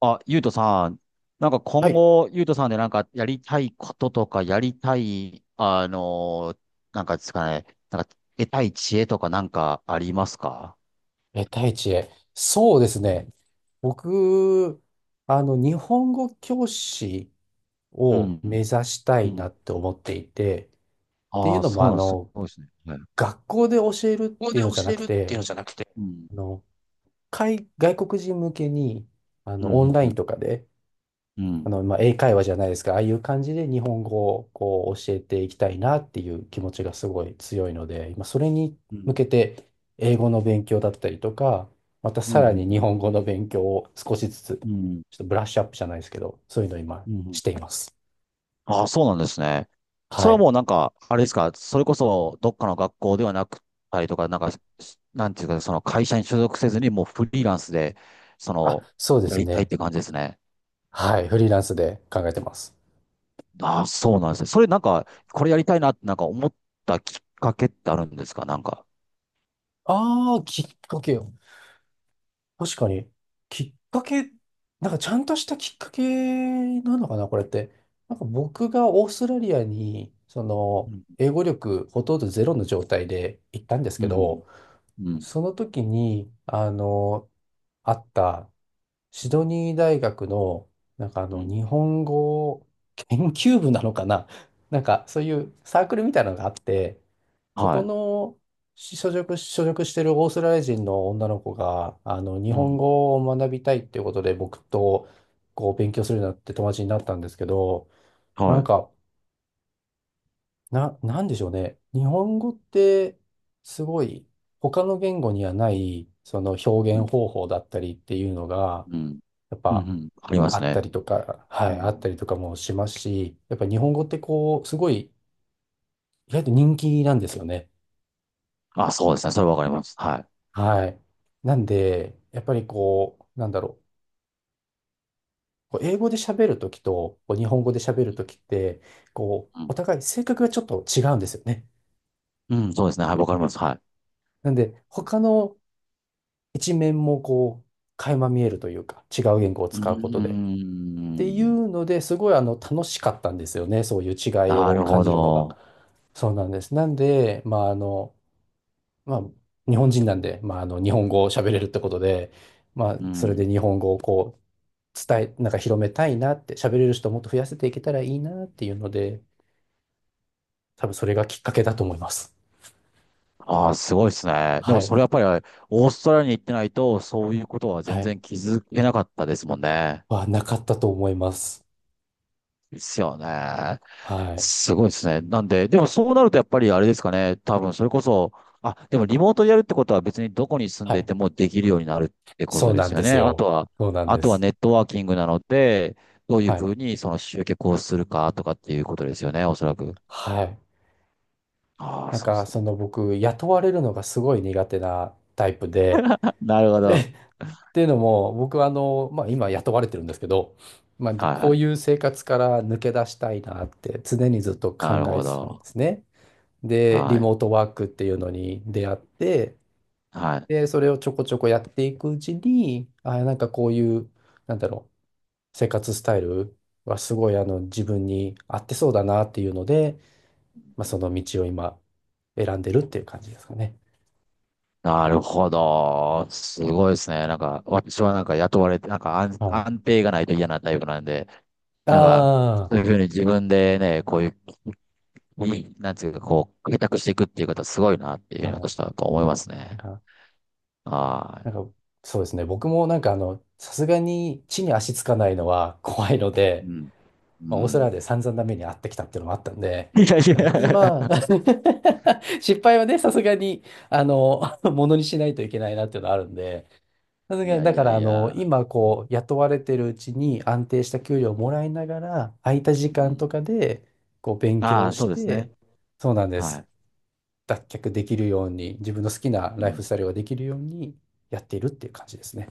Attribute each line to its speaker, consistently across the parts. Speaker 1: あ、ゆうとさん、なんか
Speaker 2: は
Speaker 1: 今
Speaker 2: い。
Speaker 1: 後、ゆうとさんでなんかやりたいこととか、やりたい、なんかですかね、なんか得たい知恵とかなんかありますか？
Speaker 2: 第一へ。そうですね。僕、日本語教師
Speaker 1: う
Speaker 2: を目
Speaker 1: ん。
Speaker 2: 指した
Speaker 1: う
Speaker 2: いな
Speaker 1: ん。
Speaker 2: って思っていて、ってい
Speaker 1: あ
Speaker 2: う
Speaker 1: あ、
Speaker 2: のも、
Speaker 1: そうなんです。すごいですね。はい。
Speaker 2: 学校で教えるっ
Speaker 1: ここ
Speaker 2: て
Speaker 1: で
Speaker 2: いうのじゃ
Speaker 1: 教
Speaker 2: な
Speaker 1: え
Speaker 2: く
Speaker 1: るっていう
Speaker 2: て、
Speaker 1: のじゃなくて、うん。
Speaker 2: あの、外国人向けに、
Speaker 1: う
Speaker 2: オン
Speaker 1: ん。
Speaker 2: ラ
Speaker 1: う
Speaker 2: イン
Speaker 1: ん。
Speaker 2: とかで、
Speaker 1: うん。
Speaker 2: まあ、英会話じゃないですか、ああいう感じで日本語をこう教えていきたいなっていう気持ちがすごい強いので、まあ、それに
Speaker 1: う
Speaker 2: 向
Speaker 1: ん。
Speaker 2: けて英語の勉強だったりとか、また
Speaker 1: う
Speaker 2: さらに
Speaker 1: ん。
Speaker 2: 日本語の勉強を少しずつ、ちょ
Speaker 1: うん。うん。う
Speaker 2: っとブラッシュアップじゃないですけど、そういうのを今
Speaker 1: ん。うん。
Speaker 2: しています。
Speaker 1: ああ、そうなんですね。そ
Speaker 2: は
Speaker 1: れは
Speaker 2: い。
Speaker 1: もうなんか、あれですか、それこそどっかの学校ではなくたりとか、なんか、なんていうか、その会社に所属せずにもうフリーランスで、そ
Speaker 2: あ、
Speaker 1: の、
Speaker 2: そうで
Speaker 1: や
Speaker 2: す
Speaker 1: りたいっ
Speaker 2: ね。
Speaker 1: て感じですね。
Speaker 2: はい。フリーランスで考えてます。
Speaker 1: ああ、そうなんですね。それなんか、これやりたいなってなんか思ったきっかけってあるんですか、なんか。
Speaker 2: ああ、きっかけ。確かに、きっかけ、なんかちゃんとしたきっかけなのかな、これって。なんか僕がオーストラリアに、
Speaker 1: うん。
Speaker 2: 英語力ほとんどゼロの状態で行ったんです
Speaker 1: う
Speaker 2: け
Speaker 1: ん。
Speaker 2: ど、
Speaker 1: うん。
Speaker 2: その時に、あった
Speaker 1: う
Speaker 2: シ
Speaker 1: ん
Speaker 2: ドニー大学の、なんか
Speaker 1: うん、
Speaker 2: 日本語研究部なのかな なんか、そういうサークルみたいなのがあって、そこ
Speaker 1: は
Speaker 2: の所属してるオーストラリア人の女の子が、日
Speaker 1: い。う
Speaker 2: 本
Speaker 1: ん。
Speaker 2: 語を学びたいっていうことで、僕と、こう、勉強するようになって友達になったんですけど、な
Speaker 1: は
Speaker 2: ん
Speaker 1: い。
Speaker 2: か、なんでしょうね。日本語って、すごい、他の言語にはない、その表
Speaker 1: う
Speaker 2: 現
Speaker 1: ん。
Speaker 2: 方法だったりっていうのが、
Speaker 1: うん。
Speaker 2: やっ
Speaker 1: うんう
Speaker 2: ぱ
Speaker 1: ん、ありま
Speaker 2: あ
Speaker 1: す
Speaker 2: った
Speaker 1: ね。
Speaker 2: りとか、は
Speaker 1: う
Speaker 2: い、あっ
Speaker 1: ん。
Speaker 2: たりとかもしますし、やっぱ日本語ってこう、すごい意外と人気なんですよね。
Speaker 1: あ、そうですね。それわかります。はい。
Speaker 2: はい。なんで、やっぱりこう、なんだろう。こう英語で喋るときと、こう日本語で喋るときって、こう、
Speaker 1: うん。
Speaker 2: お互い性格がちょっと違うんですよね。
Speaker 1: うん、そうですね。はい、わかります。はい。
Speaker 2: なんで、他の一面もこう、垣間見えるというか、違う言語を
Speaker 1: うー
Speaker 2: 使うことで。ってい
Speaker 1: ん。
Speaker 2: うので、すごい楽しかったんですよね。そういう違い
Speaker 1: な
Speaker 2: を
Speaker 1: る
Speaker 2: 感
Speaker 1: ほ
Speaker 2: じるのが。
Speaker 1: ど。
Speaker 2: そうなんです。なんで、まあ、まあ、日本人なんで、まあ、日本語を喋れるってことで、まあ、
Speaker 1: う
Speaker 2: それ
Speaker 1: ん。
Speaker 2: で日本語をこう、伝え、なんか広めたいなって、喋れる人をもっと増やせていけたらいいなっていうので、多分それがきっかけだと思います。
Speaker 1: ああ、すごいですね。で
Speaker 2: は
Speaker 1: も
Speaker 2: い。
Speaker 1: それやっぱり、オーストラリアに行ってないと、そういうことは
Speaker 2: は
Speaker 1: 全
Speaker 2: い。
Speaker 1: 然気づけなかったですもんね。
Speaker 2: なかったと思います。
Speaker 1: ですよね。
Speaker 2: はい。
Speaker 1: すごいですね。なんで、でもそうなるとやっぱりあれですかね。多分それこそ、あ、でもリモートでやるってことは別にどこに住ん
Speaker 2: は
Speaker 1: でい
Speaker 2: い。
Speaker 1: てもできるようになるってこ
Speaker 2: そ
Speaker 1: と
Speaker 2: う
Speaker 1: で
Speaker 2: な
Speaker 1: す
Speaker 2: ん
Speaker 1: よ
Speaker 2: で
Speaker 1: ね。
Speaker 2: す
Speaker 1: あと
Speaker 2: よ。
Speaker 1: は、
Speaker 2: そうなん
Speaker 1: あ
Speaker 2: で
Speaker 1: とは
Speaker 2: す。
Speaker 1: ネットワーキングなので、どういう
Speaker 2: は
Speaker 1: ふ
Speaker 2: い。
Speaker 1: うにその集客をするかとかっていうことですよね。おそらく。
Speaker 2: はい。
Speaker 1: ああ、
Speaker 2: なん
Speaker 1: そうで
Speaker 2: か、
Speaker 1: すね。
Speaker 2: 僕、雇われるのがすごい苦手なタイプで、
Speaker 1: なるほ
Speaker 2: で、っ
Speaker 1: ど。
Speaker 2: ていうのも、僕はまあ、今雇われてるんですけど、まあ、
Speaker 1: はい
Speaker 2: こ
Speaker 1: は
Speaker 2: う
Speaker 1: い。
Speaker 2: いう生活から抜け出したいなって常にずっと考
Speaker 1: なる
Speaker 2: え
Speaker 1: ほ
Speaker 2: てたんで
Speaker 1: ど。
Speaker 2: すね。で、
Speaker 1: は
Speaker 2: リ
Speaker 1: い。
Speaker 2: モートワークっていうのに出会って、
Speaker 1: はい。
Speaker 2: で、それをちょこちょこやっていくうちに、あ、なんかこういう、なんだろう、生活スタイルはすごいあの自分に合ってそうだなっていうので、まあ、その道を今選んでるっていう感じですかね。
Speaker 1: なるほど。すごいですね。なんか、私はなんか雇われて、なんか安、
Speaker 2: はい。
Speaker 1: 安定がないと嫌なタイプなんで、なんか、
Speaker 2: あ
Speaker 1: そういうふうに自分でね、こういう、い、なんていうか、こう、開拓していくっていう方すごいなっていうふう
Speaker 2: あ、
Speaker 1: に
Speaker 2: は
Speaker 1: 私は思いますね。
Speaker 2: い。
Speaker 1: は
Speaker 2: なんか、そうですね。僕もなんかさすがに地に足つかないのは怖いの
Speaker 1: い。
Speaker 2: で、
Speaker 1: うん。
Speaker 2: まあ、オ
Speaker 1: う
Speaker 2: ーストラリア
Speaker 1: ん。
Speaker 2: で散々な目に遭ってきたっていうのもあったんで、
Speaker 1: いやい
Speaker 2: だから今、
Speaker 1: や。
Speaker 2: 失敗はね、さすがに、ものにしないといけないなっていうのはあるんで、さす
Speaker 1: い
Speaker 2: がに、
Speaker 1: や
Speaker 2: だ
Speaker 1: い
Speaker 2: か
Speaker 1: や
Speaker 2: ら
Speaker 1: いや。
Speaker 2: 今
Speaker 1: う
Speaker 2: こ
Speaker 1: ん。
Speaker 2: う、雇われてるうちに安定した給料をもらいながら、空いた時
Speaker 1: う
Speaker 2: 間と
Speaker 1: ん。
Speaker 2: かで、こう、勉強
Speaker 1: あ
Speaker 2: を
Speaker 1: あ、
Speaker 2: し
Speaker 1: そうです
Speaker 2: て、
Speaker 1: ね。
Speaker 2: そうなんで
Speaker 1: は
Speaker 2: す。
Speaker 1: い。
Speaker 2: 脱却できるように、自分の好きな
Speaker 1: う
Speaker 2: ライフス
Speaker 1: ん。
Speaker 2: タイルができるようにやっているっていう感じですね。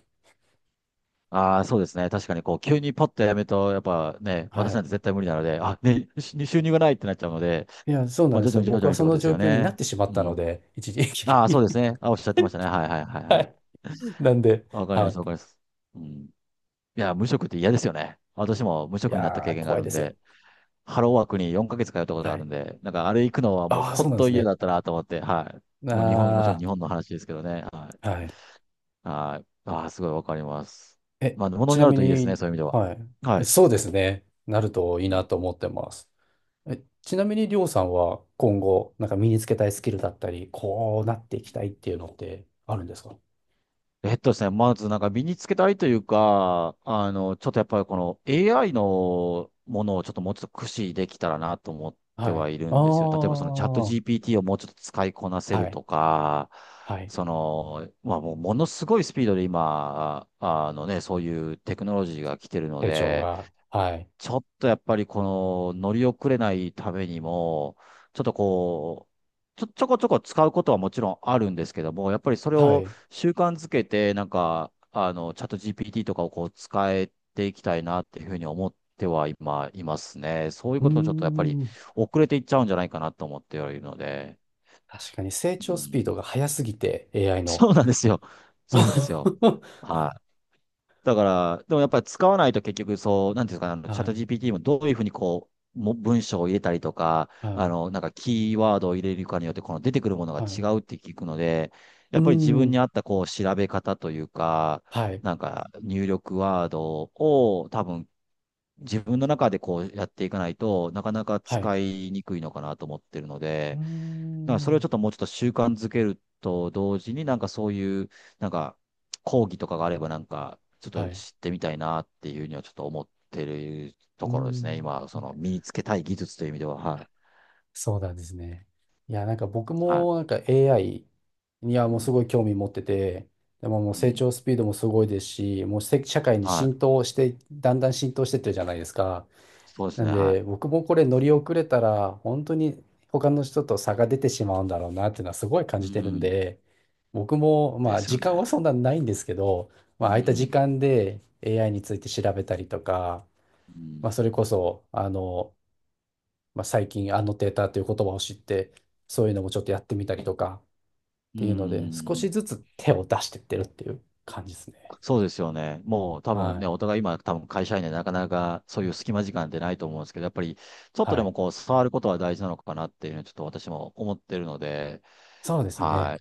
Speaker 1: ああ、そうですね。確かに、こう、急にパッとやめると、やっぱね、
Speaker 2: は
Speaker 1: 私なん
Speaker 2: い。
Speaker 1: て絶対無理なので、あ、ね、し収入がないってなっちゃうので、
Speaker 2: いや、そうな
Speaker 1: ま
Speaker 2: ん
Speaker 1: あ、
Speaker 2: で
Speaker 1: 徐
Speaker 2: す
Speaker 1: 々
Speaker 2: よ。
Speaker 1: に徐
Speaker 2: 僕
Speaker 1: 々
Speaker 2: は
Speaker 1: にっ
Speaker 2: そ
Speaker 1: てこ
Speaker 2: の
Speaker 1: とです
Speaker 2: 状
Speaker 1: よ
Speaker 2: 況になっ
Speaker 1: ね。
Speaker 2: てしまっ
Speaker 1: う
Speaker 2: たの
Speaker 1: ん。
Speaker 2: で、一時
Speaker 1: ああ、そう
Speaker 2: 期。
Speaker 1: ですね。あ、おっしゃってましたね。はいはいはい は
Speaker 2: は
Speaker 1: い。
Speaker 2: い。なんで、
Speaker 1: わかり
Speaker 2: は
Speaker 1: ます、
Speaker 2: い。
Speaker 1: わかります。うん。いや、無職って嫌ですよね。私も無
Speaker 2: い
Speaker 1: 職になった
Speaker 2: や
Speaker 1: 経
Speaker 2: ー、
Speaker 1: 験があ
Speaker 2: 怖い
Speaker 1: る
Speaker 2: で
Speaker 1: ん
Speaker 2: すよ。
Speaker 1: で、ハローワークに4ヶ月通ったこと
Speaker 2: は
Speaker 1: ある
Speaker 2: い。
Speaker 1: んで、なんかあれ行くのはもう
Speaker 2: ああ、そう
Speaker 1: 本
Speaker 2: なんで
Speaker 1: 当
Speaker 2: す
Speaker 1: 嫌
Speaker 2: ね。
Speaker 1: だったなと思って、はい。もう日本、もちろん
Speaker 2: あ
Speaker 1: 日本の話ですけどね。は
Speaker 2: あ、
Speaker 1: い。
Speaker 2: はい。
Speaker 1: はい。ああ、すごいわかります。
Speaker 2: え、
Speaker 1: まあ、もの
Speaker 2: ち
Speaker 1: に
Speaker 2: な
Speaker 1: なる
Speaker 2: み
Speaker 1: といいですね、
Speaker 2: に、
Speaker 1: そういう意味では。
Speaker 2: は
Speaker 1: は
Speaker 2: い。
Speaker 1: い。
Speaker 2: そうですね。なるといい
Speaker 1: う
Speaker 2: な
Speaker 1: ん。
Speaker 2: と思ってます。ちなみに、りょうさんは今後、なんか身につけたいスキルだったり、こうなっていきたいっていうのってあるんですか？
Speaker 1: ですね、まずなんか身につけたいというか、ちょっとやっぱりこの AI のものをちょっともうちょっと駆使できたらなと思って
Speaker 2: は
Speaker 1: は
Speaker 2: い。
Speaker 1: いる
Speaker 2: あ
Speaker 1: んですよ。例えばそのチャット
Speaker 2: あ、は
Speaker 1: GPT をもうちょっと使いこなせる
Speaker 2: い。
Speaker 1: とか、
Speaker 2: はい。
Speaker 1: その、まあもうものすごいスピードで今、あのね、そういうテクノロジーが来てるの
Speaker 2: 成長
Speaker 1: で、
Speaker 2: が。はい。
Speaker 1: ちょっとやっぱりこの乗り遅れないためにも、ちょっとこう、ちょ、ちょこちょこ使うことはもちろんあるんですけども、やっぱりそれ
Speaker 2: はい。
Speaker 1: を
Speaker 2: う
Speaker 1: 習慣づけて、なんか、チャット GPT とかをこう使えていきたいなっていうふうに思っては今、いますね。そういう
Speaker 2: ー
Speaker 1: ことをちょっとやっぱり
Speaker 2: ん。
Speaker 1: 遅れていっちゃうんじゃないかなと思ってはいるので、
Speaker 2: 確かに成
Speaker 1: う
Speaker 2: 長スピー
Speaker 1: ん。
Speaker 2: ドが速すぎて、AI の。
Speaker 1: そうなんですよ。そうなんですよ。はい。だから、でもやっぱり使わないと結局そう、なんていうんですかね、チャッ
Speaker 2: は
Speaker 1: ト
Speaker 2: い、
Speaker 1: GPT もどういうふうにこう、も文章を入れたりとか、
Speaker 2: はい、
Speaker 1: なんかキーワードを入れるかによって、この出てくるものが
Speaker 2: は
Speaker 1: 違
Speaker 2: い。
Speaker 1: うって聞くので、
Speaker 2: う
Speaker 1: や
Speaker 2: ー
Speaker 1: っぱり自分に
Speaker 2: ん、
Speaker 1: 合ったこう、調べ方というか、
Speaker 2: はい、
Speaker 1: なんか入力ワードを多分自分の中でこうやっていかないとなかなか
Speaker 2: はい。
Speaker 1: 使いにくいのかなと思ってるの
Speaker 2: うー
Speaker 1: で、なんかそれを
Speaker 2: ん、
Speaker 1: ちょっともうちょっと習慣づけると同時に、なんかそういう、なんか講義とかがあれば、なんかちょっ
Speaker 2: は
Speaker 1: と
Speaker 2: い。
Speaker 1: 知ってみたいなっていうにはちょっと思ってると
Speaker 2: うー
Speaker 1: ころですね。
Speaker 2: ん、
Speaker 1: 今、その身につけたい技術という意味では、はい。
Speaker 2: そうなんですね。いや、なんか僕
Speaker 1: は
Speaker 2: もなんか AI には
Speaker 1: い。う
Speaker 2: もう
Speaker 1: ん。
Speaker 2: すごい興味持ってて、でももう
Speaker 1: う
Speaker 2: 成
Speaker 1: ん。
Speaker 2: 長スピードもすごいですし、もう社会に
Speaker 1: はい。
Speaker 2: 浸透して、だんだん浸透してってるじゃないですか。
Speaker 1: そうです
Speaker 2: なん
Speaker 1: ね。
Speaker 2: で、
Speaker 1: は
Speaker 2: 僕もこれ乗り遅れたら、本当に他の人と差が出てしまうんだろうなっていうのはすごい感
Speaker 1: い。う
Speaker 2: じてるん
Speaker 1: ん。
Speaker 2: で、僕も、
Speaker 1: で
Speaker 2: まあ、
Speaker 1: すよ
Speaker 2: 時
Speaker 1: ね。
Speaker 2: 間はそんなないんですけど、ま
Speaker 1: う
Speaker 2: あ、空いた時
Speaker 1: ん。
Speaker 2: 間で AI について調べたりとか、
Speaker 1: うん。
Speaker 2: まあ、それこそ、まあ、最近、アノテーターという言葉を知って、そういうのもちょっとやってみたりとかっ
Speaker 1: うん。う
Speaker 2: ていうので、少し
Speaker 1: ん。
Speaker 2: ずつ手を出してってるっていう感じですね。
Speaker 1: そうですよね。もう多分
Speaker 2: は
Speaker 1: ね、
Speaker 2: い。
Speaker 1: お互い今多分会社員でなかなかそういう隙間時間ってないと思うんですけど、やっぱりちょっとで
Speaker 2: は
Speaker 1: も
Speaker 2: い。
Speaker 1: こう触ることは大事なのかなっていうのはちょっと私も思ってるので、
Speaker 2: そうですね。
Speaker 1: は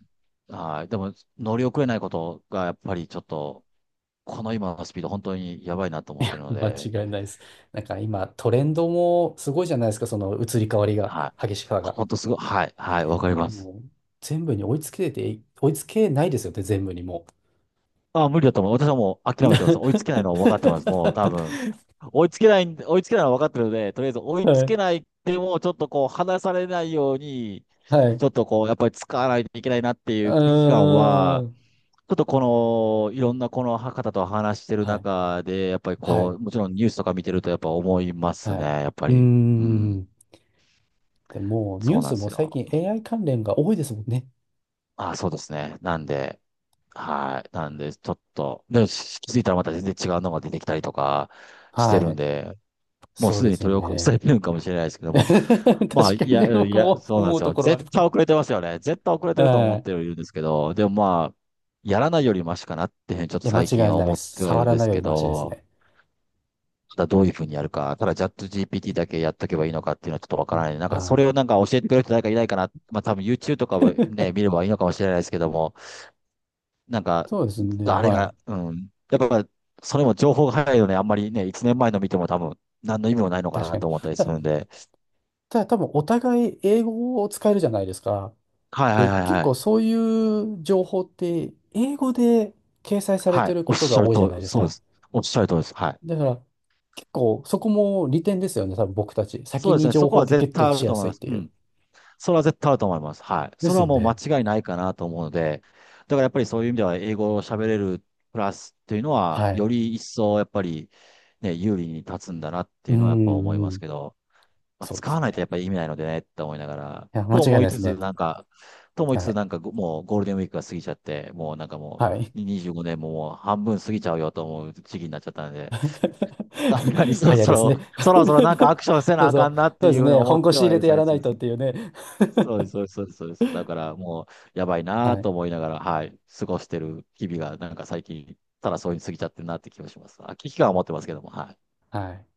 Speaker 1: い。はい。でも乗り遅れないことがやっぱりちょっと、この今のスピード本当にやばいなと思ってる の
Speaker 2: 間
Speaker 1: で、
Speaker 2: 違いないです。なんか今、トレンドもすごいじゃないですか、その移り変わりが、
Speaker 1: はい。
Speaker 2: 激しさが。
Speaker 1: 本当すごい。はい。はい。わかります。
Speaker 2: もう、全部に追いつけて、追いつけないですよね、全部にも
Speaker 1: あ、無理だと思う。私はもう
Speaker 2: う。
Speaker 1: 諦めてます。追いつけないのは分かってます。もう多 分。追いつけないのは分かってるので、とりあえず追いつ
Speaker 2: は
Speaker 1: け
Speaker 2: い。
Speaker 1: ないでも、ちょっとこう、離されないように、
Speaker 2: はい。
Speaker 1: ち
Speaker 2: う
Speaker 1: ょっとこう、やっぱり使わないといけないなっていう
Speaker 2: ー
Speaker 1: 危機感は、
Speaker 2: ん。
Speaker 1: ちょっとこの、いろんなこの方と話してる
Speaker 2: はい。
Speaker 1: 中で、やっぱり
Speaker 2: は
Speaker 1: こ
Speaker 2: い。
Speaker 1: う、もちろんニュースとか見てるとやっぱ思います
Speaker 2: は
Speaker 1: ね、
Speaker 2: い。
Speaker 1: やっぱ
Speaker 2: うー
Speaker 1: り。うん、
Speaker 2: ん。でもう、ニュ
Speaker 1: そ
Speaker 2: ー
Speaker 1: うなん
Speaker 2: ス
Speaker 1: で
Speaker 2: も
Speaker 1: す
Speaker 2: 最
Speaker 1: よ。
Speaker 2: 近 AI 関連が多いですもんね。
Speaker 1: あ、そうですね。なんで、はい。なんで、ちょっと、で、し気づいたらまた全然違うのが出てきたりとかして
Speaker 2: は
Speaker 1: るん
Speaker 2: い。
Speaker 1: で、もう
Speaker 2: そう
Speaker 1: すで
Speaker 2: で
Speaker 1: に
Speaker 2: すよ
Speaker 1: 取り起こさ
Speaker 2: ね。
Speaker 1: れてるんかもしれないですけど も、
Speaker 2: 確
Speaker 1: まあ、い
Speaker 2: か
Speaker 1: や、
Speaker 2: に、
Speaker 1: うん、い
Speaker 2: 僕
Speaker 1: や、
Speaker 2: も
Speaker 1: そうなんで
Speaker 2: 思う
Speaker 1: す
Speaker 2: と
Speaker 1: よ。
Speaker 2: ころはあ
Speaker 1: 絶
Speaker 2: る。
Speaker 1: 対遅れてますよね。絶対遅れてると思
Speaker 2: は
Speaker 1: っ
Speaker 2: い。
Speaker 1: てはいるんですけど、でもまあ、やらないよりマシかなっていうふうにちょっ
Speaker 2: い
Speaker 1: と
Speaker 2: や、間
Speaker 1: 最
Speaker 2: 違
Speaker 1: 近
Speaker 2: い
Speaker 1: は
Speaker 2: ないで
Speaker 1: 思っ
Speaker 2: す。
Speaker 1: てはい
Speaker 2: 触
Speaker 1: るん
Speaker 2: ら
Speaker 1: で
Speaker 2: ない
Speaker 1: す
Speaker 2: よ
Speaker 1: け
Speaker 2: りマシです
Speaker 1: ど、
Speaker 2: ね。
Speaker 1: まただどういうふうにやるか、ただチャット GPT だけやっとけばいいのかっていうのはちょっとわ
Speaker 2: う
Speaker 1: から
Speaker 2: ん
Speaker 1: ない。なんかそ
Speaker 2: は
Speaker 1: れを
Speaker 2: い。
Speaker 1: なんか教えてくれる人誰かいないかな。まあ多分 YouTube とかもね、見れ ばいいのかもしれないですけども、なんか、
Speaker 2: そうですね。
Speaker 1: あれ
Speaker 2: はい。
Speaker 1: が、うん。やっぱ、それも情報が早いので、あんまりね、1年前の見ても多分、何の意味もないのか
Speaker 2: 確
Speaker 1: な
Speaker 2: か
Speaker 1: と
Speaker 2: に。
Speaker 1: 思ったりす
Speaker 2: た
Speaker 1: るんで、
Speaker 2: ただ、多分お互い英語を使えるじゃないですか。
Speaker 1: はいはい
Speaker 2: で、
Speaker 1: はい
Speaker 2: 結
Speaker 1: はい。
Speaker 2: 構そういう情報って、英語で掲載され
Speaker 1: は
Speaker 2: て
Speaker 1: い。
Speaker 2: る
Speaker 1: お
Speaker 2: こ
Speaker 1: っ
Speaker 2: と
Speaker 1: し
Speaker 2: が
Speaker 1: ゃる
Speaker 2: 多いじゃ
Speaker 1: と
Speaker 2: ない
Speaker 1: り、
Speaker 2: です
Speaker 1: そうで
Speaker 2: か。
Speaker 1: す。おっしゃるとりです。はい。
Speaker 2: だから、結構そこも利点ですよね。多分僕たち。
Speaker 1: そ
Speaker 2: 先
Speaker 1: うです
Speaker 2: に
Speaker 1: ね。そ
Speaker 2: 情
Speaker 1: こ
Speaker 2: 報を
Speaker 1: は
Speaker 2: ゲ
Speaker 1: 絶
Speaker 2: ット
Speaker 1: 対あ
Speaker 2: し
Speaker 1: る
Speaker 2: や
Speaker 1: と思
Speaker 2: す
Speaker 1: い
Speaker 2: いっ
Speaker 1: ます。
Speaker 2: て
Speaker 1: う
Speaker 2: いう。
Speaker 1: ん。それは絶対あると思います。はい。
Speaker 2: で
Speaker 1: そ
Speaker 2: す
Speaker 1: れは
Speaker 2: よ
Speaker 1: もう間
Speaker 2: ね。
Speaker 1: 違いないかなと思うので、だからやっぱりそういう意味では英語を喋れるプラスっていうのは、
Speaker 2: はい。
Speaker 1: より一層やっぱりね、有利に立つんだなっ
Speaker 2: う
Speaker 1: ていうのはやっぱ思
Speaker 2: ん、
Speaker 1: い
Speaker 2: う
Speaker 1: ます
Speaker 2: ん。
Speaker 1: けど、まあ、
Speaker 2: そうで
Speaker 1: 使
Speaker 2: す
Speaker 1: わ
Speaker 2: よ
Speaker 1: ないと
Speaker 2: ね。
Speaker 1: やっぱり意味ないのでねって思いながら、
Speaker 2: いや、間違
Speaker 1: と
Speaker 2: いない
Speaker 1: 思い
Speaker 2: です
Speaker 1: つつ
Speaker 2: ね。
Speaker 1: なんか、と思い
Speaker 2: は
Speaker 1: つつ
Speaker 2: い。
Speaker 1: なんか、ご、もうゴールデンウィークが過ぎちゃって、もうなんかも
Speaker 2: はい。
Speaker 1: う25年ももう半分過ぎちゃうよと思う時期になっちゃったので、さんなに そろ
Speaker 2: 早い
Speaker 1: そ
Speaker 2: です
Speaker 1: ろ、
Speaker 2: ね
Speaker 1: そ ろそろなんかアクションせ
Speaker 2: そ
Speaker 1: な
Speaker 2: う
Speaker 1: あ
Speaker 2: そ
Speaker 1: か
Speaker 2: う。
Speaker 1: んなって
Speaker 2: そうで
Speaker 1: い
Speaker 2: す
Speaker 1: うふうに
Speaker 2: ね。
Speaker 1: 思
Speaker 2: 本
Speaker 1: って
Speaker 2: 腰入
Speaker 1: はい
Speaker 2: れ
Speaker 1: る
Speaker 2: てや
Speaker 1: 最
Speaker 2: らな
Speaker 1: 中
Speaker 2: い
Speaker 1: で
Speaker 2: と
Speaker 1: す
Speaker 2: っ
Speaker 1: ね。
Speaker 2: ていうね
Speaker 1: そうです、そうです、そうです。そうです、だからもう、やばい な
Speaker 2: は
Speaker 1: と
Speaker 2: い。
Speaker 1: 思いながら、はい、過ごしてる日々が、なんか最近、ただそういうに過ぎちゃってるなって気がします。あ、危機感をは持ってますけども、はい。
Speaker 2: はい。